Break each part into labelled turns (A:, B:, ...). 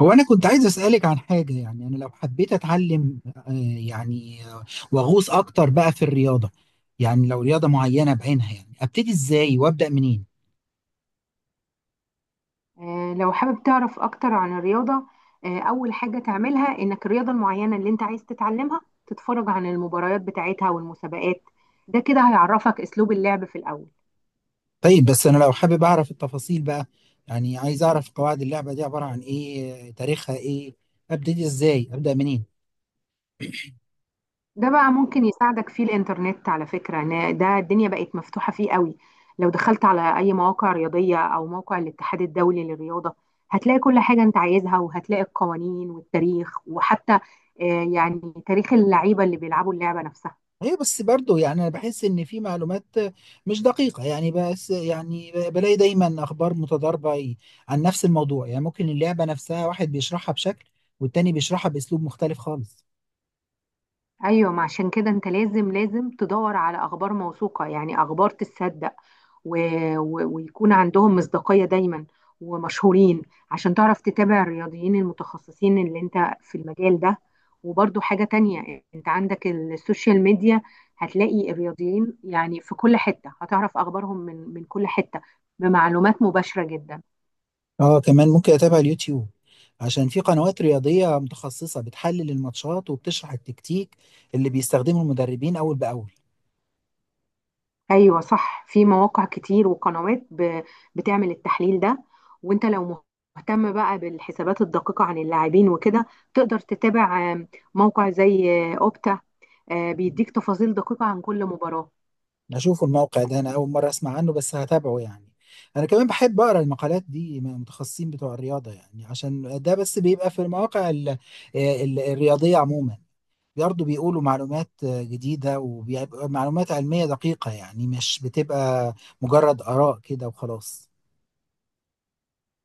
A: هو أنا كنت عايز أسألك عن حاجة. يعني أنا لو حبيت أتعلم يعني وأغوص أكتر بقى في الرياضة، يعني لو رياضة معينة بعينها، يعني أبتدي إزاي وأبدأ منين؟
B: لو حابب تعرف أكتر عن الرياضة. أول حاجة تعملها إنك الرياضة المعينة اللي أنت عايز تتعلمها تتفرج عن المباريات بتاعتها والمسابقات. ده كده هيعرفك أسلوب اللعب في الأول.
A: طيب بس أنا لو حابب أعرف التفاصيل بقى، يعني عايز أعرف قواعد اللعبة دي عبارة عن إيه، تاريخها إيه، أبتدي إزاي أبدأ منين؟
B: ده بقى ممكن يساعدك فيه الإنترنت، على فكرة، إن ده الدنيا بقت مفتوحة فيه قوي. لو دخلت على أي مواقع رياضية أو موقع الاتحاد الدولي للرياضة، هتلاقي كل حاجة أنت عايزها، وهتلاقي القوانين والتاريخ، وحتى آه، يعني تاريخ اللعيبة اللي بيلعبوا اللعبة نفسها.
A: ايوه بس برضه يعني انا بحس ان في معلومات مش دقيقه، يعني بس يعني بلاقي دايما اخبار متضاربه عن نفس الموضوع. يعني ممكن اللعبه نفسها واحد بيشرحها بشكل والتاني بيشرحها باسلوب مختلف خالص.
B: ايوه، ما عشان كده انت لازم تدور على اخبار موثوقه، يعني اخبار تتصدق و... ويكون عندهم مصداقيه دايما ومشهورين، عشان تعرف تتابع الرياضيين المتخصصين اللي انت في المجال ده. وبرضو حاجه تانية، انت عندك السوشيال ميديا، هتلاقي الرياضيين يعني في كل حته، هتعرف اخبارهم من كل حته بمعلومات مباشره جدا.
A: اه، كمان ممكن اتابع اليوتيوب عشان في قنوات رياضيه متخصصه بتحلل الماتشات وبتشرح التكتيك اللي بيستخدمه المدربين اول باول.
B: ايوه صح، في مواقع كتير وقنوات بتعمل التحليل ده. وانت لو مهتم بقى بالحسابات الدقيقة عن اللاعبين وكده، تقدر تتابع موقع زي اوبتا. بيديك تفاصيل دقيقة عن كل مباراة.
A: اشوفه الموقع ده، انا اول مره اسمع عنه بس هتابعه. يعني انا كمان بحب اقرا المقالات دي من المتخصصين بتوع الرياضه، يعني عشان ده بس بيبقى في المواقع ال الرياضيه عموما، برضه بيقولوا معلومات جديده ومعلومات علميه دقيقه، يعني مش بتبقى مجرد اراء كده وخلاص.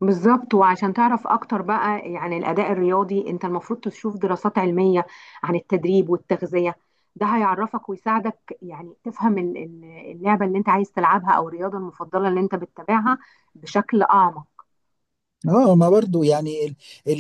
B: بالظبط. وعشان تعرف اكتر بقى عن الاداء الرياضي، انت المفروض تشوف دراسات علمية عن التدريب والتغذية. ده هيعرفك ويساعدك يعني تفهم اللعبة اللي انت عايز تلعبها او الرياضة المفضلة اللي انت بتتابعها بشكل اعمق.
A: اه، ما برضو يعني ال...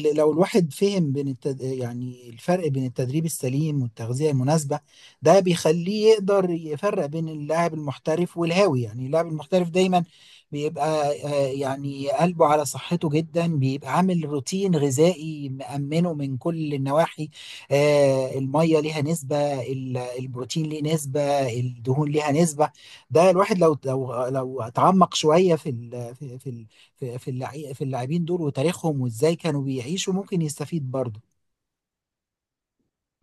A: ال... لو الواحد فهم يعني الفرق بين التدريب السليم والتغذية المناسبة، ده بيخليه يقدر يفرق بين اللاعب المحترف والهاوي. يعني اللاعب المحترف دايما بيبقى يعني قلبه على صحته جدا، بيبقى عامل روتين غذائي مأمنه من كل النواحي. المية ليها نسبة، البروتين ليه نسبة، الدهون ليها نسبة. ده الواحد لو اتعمق شوية في ال... في في في في في اللاعبين دول وتاريخهم وازاي كانوا بيعيشوا ممكن يستفيد برضه.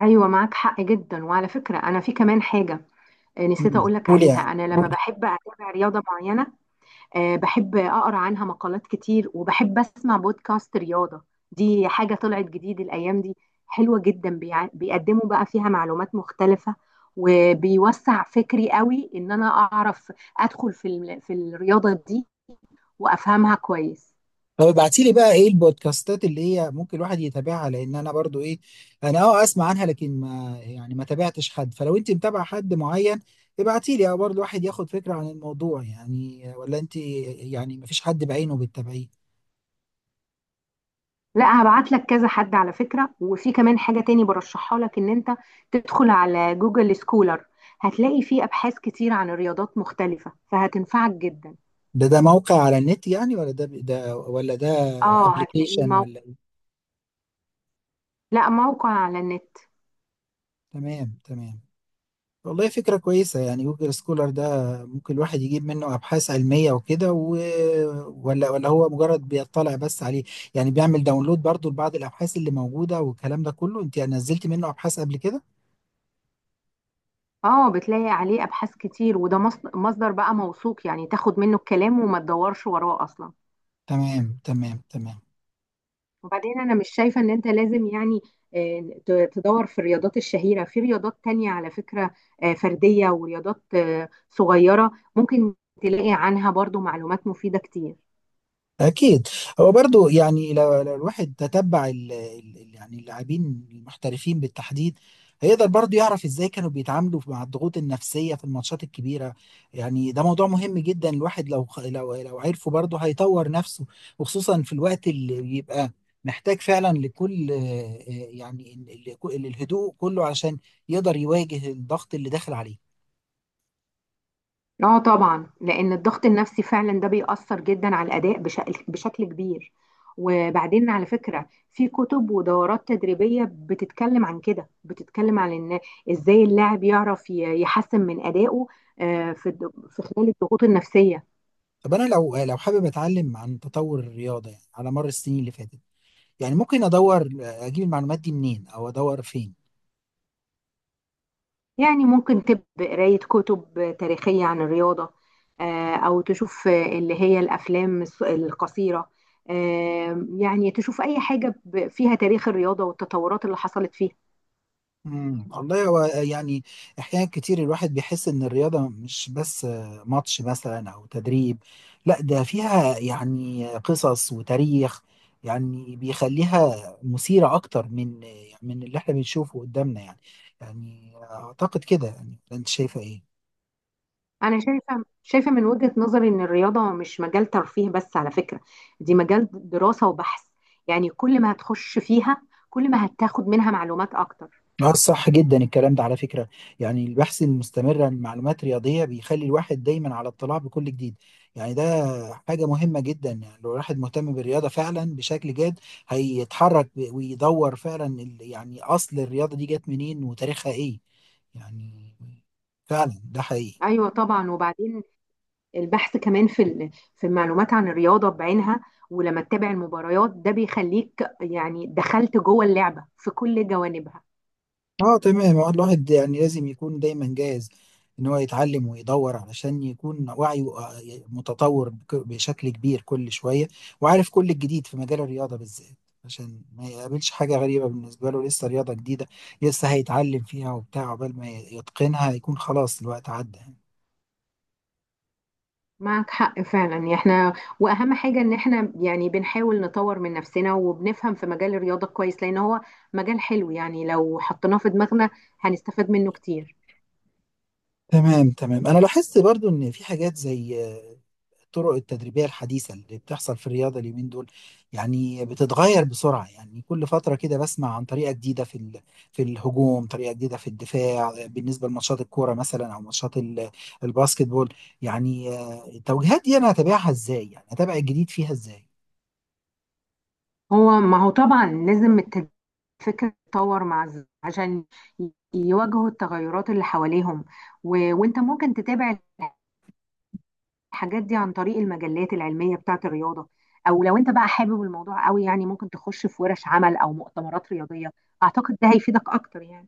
B: ايوه معاك حق جدا. وعلى فكره انا في كمان حاجه، نسيت
A: مم.
B: اقول لك
A: قول،
B: عليها.
A: يعني
B: انا
A: قول.
B: لما بحب اتابع رياضه معينه، بحب اقرا عنها مقالات كتير، وبحب اسمع بودكاست رياضه. دي حاجه طلعت جديد الايام دي، حلوه جدا. بيقدموا بقى فيها معلومات مختلفه، وبيوسع فكري قوي ان انا اعرف ادخل في الرياضه دي وافهمها كويس.
A: طب ابعتي لي بقى ايه البودكاستات اللي هي ممكن الواحد يتابعها؟ لان انا برضو ايه، انا اه اسمع عنها لكن ما يعني ما تابعتش حد. فلو انت متابعه حد معين ابعتي لي، اه برضه الواحد ياخد فكره عن الموضوع. يعني ولا انت يعني ما فيش حد بعينه بتتابعيه؟
B: لا، هبعت لك كذا حد على فكرة. وفي كمان حاجة تاني برشحها لك، ان انت تدخل على جوجل سكولر، هتلاقي فيه ابحاث كتير عن رياضات مختلفة، فهتنفعك جدا.
A: ده موقع على النت يعني ولا ده
B: اه هتلاقيه
A: ابلكيشن
B: موقع.
A: ولا إيه؟
B: لا، موقع على النت.
A: تمام، تمام. والله فكرة كويسة يعني جوجل سكولر ده، ممكن الواحد يجيب منه أبحاث علمية وكده ولا هو مجرد بيطلع بس عليه؟ يعني بيعمل داونلود برضو لبعض الأبحاث اللي موجودة والكلام ده كله؟ أنت نزلت منه أبحاث قبل كده؟
B: اه، بتلاقي عليه ابحاث كتير، وده مصدر بقى موثوق، يعني تاخد منه الكلام وما تدورش وراه اصلا.
A: تمام، تمام.
B: وبعدين انا مش شايفه ان انت لازم يعني تدور في الرياضات الشهيره، في رياضات تانية على فكره، فرديه، ورياضات صغيره. ممكن تلاقي عنها برضو معلومات مفيده كتير.
A: أكيد. هو برضو يعني لو الواحد تتبع ال يعني اللاعبين المحترفين بالتحديد، هيقدر برضو يعرف إزاي كانوا بيتعاملوا مع الضغوط النفسية في الماتشات الكبيرة. يعني ده موضوع مهم جدا، الواحد لو لو عرفه برضو هيطور نفسه، وخصوصا في الوقت اللي بيبقى محتاج فعلا لكل يعني الهدوء كله عشان يقدر يواجه الضغط اللي داخل عليه.
B: اه طبعا، لان الضغط النفسي فعلا ده بيأثر جدا على الاداء بشكل كبير. وبعدين على فكره في كتب ودورات تدريبيه بتتكلم عن كده، بتتكلم عن ان ازاي اللاعب يعرف يحسن من ادائه في خلال الضغوط النفسيه.
A: طب أنا لو حابب أتعلم عن تطور الرياضة يعني على مر السنين اللي فاتت، يعني ممكن ادور اجيب المعلومات دي منين او ادور فين؟
B: يعني ممكن تب قراية كتب تاريخية عن الرياضة، أو تشوف اللي هي الأفلام القصيرة. يعني تشوف أي حاجة فيها تاريخ الرياضة والتطورات اللي حصلت فيها.
A: امم، والله هو يعني احيانا كتير الواحد بيحس ان الرياضه مش بس ماتش مثلا او تدريب، لا ده فيها يعني قصص وتاريخ، يعني بيخليها مثيره اكتر من اللي احنا بنشوفه قدامنا. يعني، يعني اعتقد كده. يعني انت شايفه ايه؟
B: أنا شايفة من وجهة نظري إن الرياضة مش مجال ترفيه بس على فكرة. دي مجال دراسة وبحث. يعني كل ما هتخش فيها، كل ما هتاخد منها معلومات أكتر.
A: اه، صح جدا الكلام ده على فكرة. يعني البحث المستمر عن معلومات رياضية بيخلي الواحد دايما على اطلاع بكل جديد. يعني ده حاجة مهمة جدا، يعني لو الواحد مهتم بالرياضة فعلا بشكل جاد هيتحرك ويدور فعلا يعني أصل الرياضة دي جت منين وتاريخها إيه. يعني فعلا ده حقيقي.
B: أيوة طبعا. وبعدين البحث كمان في المعلومات عن الرياضة بعينها. ولما تتابع المباريات، ده بيخليك يعني دخلت جوه اللعبة في كل جوانبها.
A: اه، تمام. هو الواحد يعني لازم يكون دايما جاهز ان هو يتعلم ويدور علشان يكون وعيه متطور بشكل كبير كل شوية، وعارف كل الجديد في مجال الرياضة بالذات، عشان ما يقابلش حاجة غريبة بالنسبة له. لسه رياضة جديدة لسه هيتعلم فيها وبتاع، عقبال ما يتقنها يكون خلاص الوقت عدى يعني.
B: معك حق فعلا. احنا واهم حاجة ان احنا يعني بنحاول نطور من نفسنا وبنفهم في مجال الرياضة كويس، لان هو مجال حلو. يعني لو حطيناه في دماغنا هنستفاد منه كتير.
A: تمام، تمام. انا لاحظت برضو ان في حاجات زي الطرق التدريبية الحديثة اللي بتحصل في الرياضة اليومين دول، يعني بتتغير بسرعة. يعني كل فترة كده بسمع عن طريقة جديدة في في الهجوم، طريقة جديدة في الدفاع بالنسبة لماتشات الكورة مثلا أو ماتشات الباسكت بول. يعني التوجيهات دي أنا هتابعها إزاي؟ يعني هتابع الجديد فيها إزاي؟
B: هو ما هو طبعا لازم الفكرة تتطور مع عشان يواجهوا التغيرات اللي حواليهم. وانت ممكن تتابع الحاجات دي عن طريق المجلات العلمية بتاعت الرياضة، أو لو أنت بقى حابب الموضوع قوي يعني ممكن تخش في ورش عمل أو مؤتمرات رياضية. أعتقد ده هيفيدك أكتر يعني.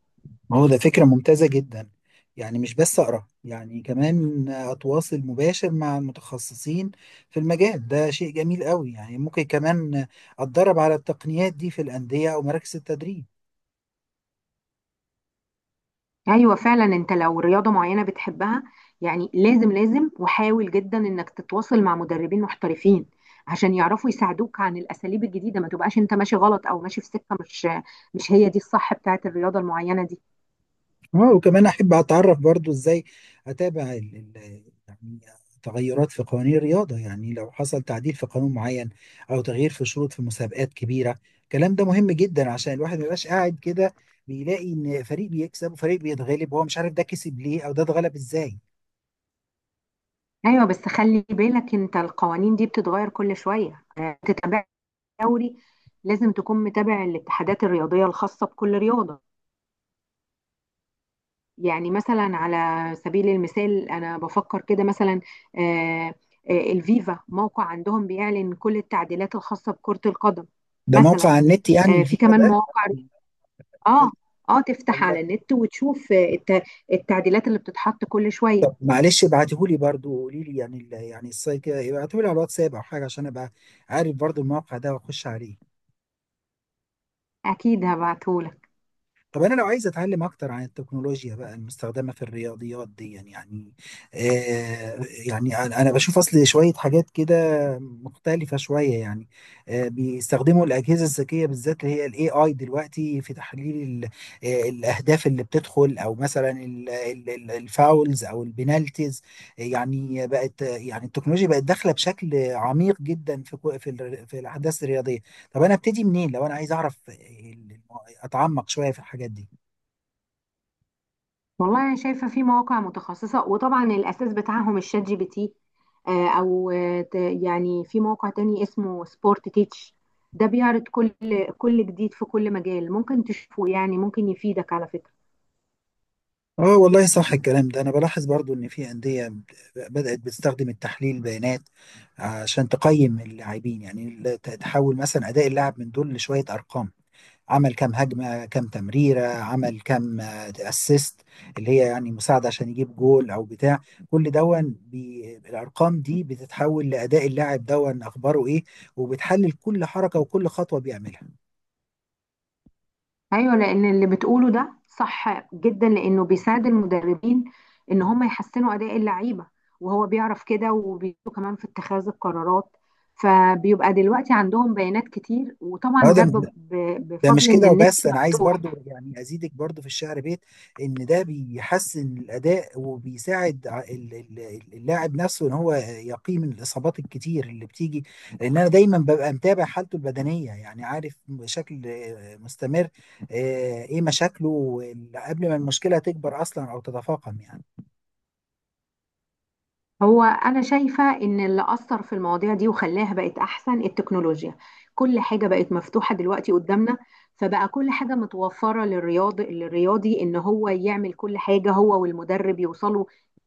A: ما هو ده فكرة ممتازة جدا. يعني مش بس أقرأ، يعني كمان أتواصل مباشر مع المتخصصين في المجال ده شيء جميل قوي. يعني ممكن كمان أتدرب على التقنيات دي في الأندية أو مراكز التدريب.
B: أيوة فعلا، أنت لو رياضة معينة بتحبها، يعني لازم وحاول جدا إنك تتواصل مع مدربين محترفين، عشان يعرفوا يساعدوك عن الأساليب الجديدة، ما تبقاش أنت ماشي غلط أو ماشي في سكة مش هي دي الصح بتاعت الرياضة المعينة دي.
A: اه، وكمان احب اتعرف برضو ازاي اتابع يعني تغيرات في قوانين الرياضه. يعني لو حصل تعديل في قانون معين او تغيير في شروط في مسابقات كبيره، الكلام ده مهم جدا عشان الواحد ما يبقاش قاعد كده بيلاقي ان فريق بيكسب وفريق بيتغلب وهو مش عارف ده كسب ليه او ده اتغلب ازاي.
B: أيوة، بس خلي بالك أنت القوانين دي بتتغير كل شوية. تتابع دوري، لازم تكون متابع الاتحادات الرياضية الخاصة بكل رياضة. يعني مثلا على سبيل المثال أنا بفكر كده مثلا، آه، الفيفا موقع عندهم بيعلن كل التعديلات الخاصة بكرة القدم.
A: ده موقع
B: مثلا
A: على النت يعني
B: في
A: الفيفا
B: كمان
A: ده؟
B: مواقع. اه، اه، تفتح
A: الله.
B: على النت وتشوف التعديلات اللي بتتحط كل شوية.
A: معلش ابعتهولي برضو وقولي لي يعني يعني السايت كده ابعتهولي على الواتساب او حاجه عشان ابقى عارف برضو الموقع ده واخش عليه.
B: أكيد هبعتهولك.
A: طب انا لو عايز اتعلم اكتر عن التكنولوجيا بقى المستخدمه في الرياضيات دي، يعني آه، يعني أنا بشوف اصل شويه حاجات كده مختلفه شويه. يعني آه، بيستخدموا الاجهزه الذكيه بالذات اللي هي الاي اي دلوقتي في تحليل الاهداف اللي بتدخل، او مثلا الفاولز او البنالتيز. يعني بقت، يعني التكنولوجيا بقت داخله بشكل عميق جدا في في الاحداث الرياضيه. طب انا ابتدي منين لو انا عايز اعرف اتعمق شويه في الحاجات دي؟
B: والله انا شايفه في مواقع متخصصه، وطبعا الاساس بتاعهم الشات جي بي تي. يعني في موقع تاني اسمه سبورت تيتش. ده بيعرض كل جديد في كل مجال ممكن تشوفه. يعني ممكن يفيدك على فكره.
A: اه، والله صح الكلام ده. انا بلاحظ برضو ان في انديه بدات بتستخدم التحليل البيانات عشان تقيم اللاعبين. يعني تحول مثلا اداء اللاعب من دول لشويه ارقام، عمل كام هجمه، كام تمريره، عمل كام اسيست اللي هي يعني مساعده عشان يجيب جول او بتاع. كل دون الارقام دي بتتحول لاداء اللاعب دون اخباره ايه، وبتحلل كل حركه وكل خطوه بيعملها.
B: ايوه، لان اللي بتقوله ده صح جدا، لانه بيساعد المدربين ان هم يحسنوا اداء اللعيبه. وهو بيعرف كده وبيساعده كمان في اتخاذ القرارات. فبيبقى دلوقتي عندهم بيانات كتير، وطبعا ده
A: هذا، ده مش
B: بفضل ان
A: كده
B: النت
A: وبس. انا عايز
B: مفتوح.
A: برضو يعني ازيدك برضو في الشعر بيت ان ده بيحسن الاداء وبيساعد اللاعب نفسه ان هو يقي من الاصابات الكتير اللي بتيجي، لان انا دايما ببقى متابع حالته البدنيه، يعني عارف بشكل مستمر ايه مشاكله قبل ما المشكله تكبر اصلا او تتفاقم يعني.
B: هو أنا شايفة إن اللي أثر في المواضيع دي وخلاها بقت أحسن التكنولوجيا. كل حاجة بقت مفتوحة دلوقتي قدامنا. فبقى كل حاجة متوفرة للرياضي إن هو يعمل كل حاجة، هو والمدرب يوصلوا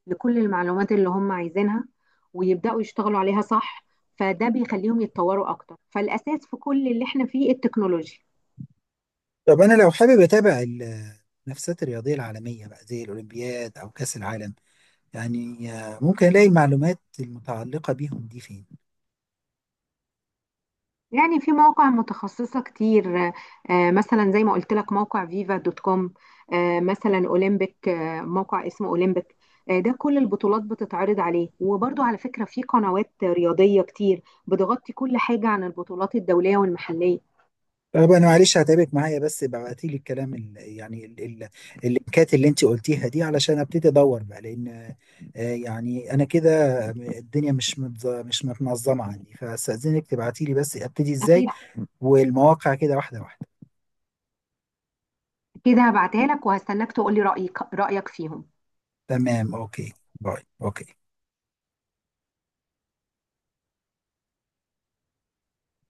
B: لكل المعلومات اللي هم عايزينها ويبدأوا يشتغلوا عليها صح. فده بيخليهم يتطوروا أكتر، فالأساس في كل اللي إحنا فيه التكنولوجيا.
A: طب انا لو حابب اتابع المنافسات الرياضيه العالميه بقى زي الاولمبياد او كاس العالم، يعني ممكن الاقي المعلومات المتعلقه بيهم دي فين؟
B: يعني في مواقع متخصصة كتير، مثلا زي ما قلت لك موقع فيفا دوت كوم، مثلا اولمبيك، موقع اسمه اولمبيك. ده كل البطولات بتتعرض عليه. وبرضو على فكرة في قنوات رياضية كتير بتغطي كل حاجة عن البطولات الدولية والمحلية.
A: طب انا معلش هتعبك معايا بس ابعتي لي الكلام ال يعني ال ال اللينكات اللي انت قلتيها دي علشان ابتدي ادور بقى. لان يعني انا كده الدنيا مش متنظمه عندي، فاستاذنك تبعتي لي بس ابتدي ازاي،
B: أكيد.
A: والمواقع كده واحده واحده.
B: كده هبعتها لك وهستناك تقولي رأيك فيهم.
A: تمام، اوكي. باي، اوكي.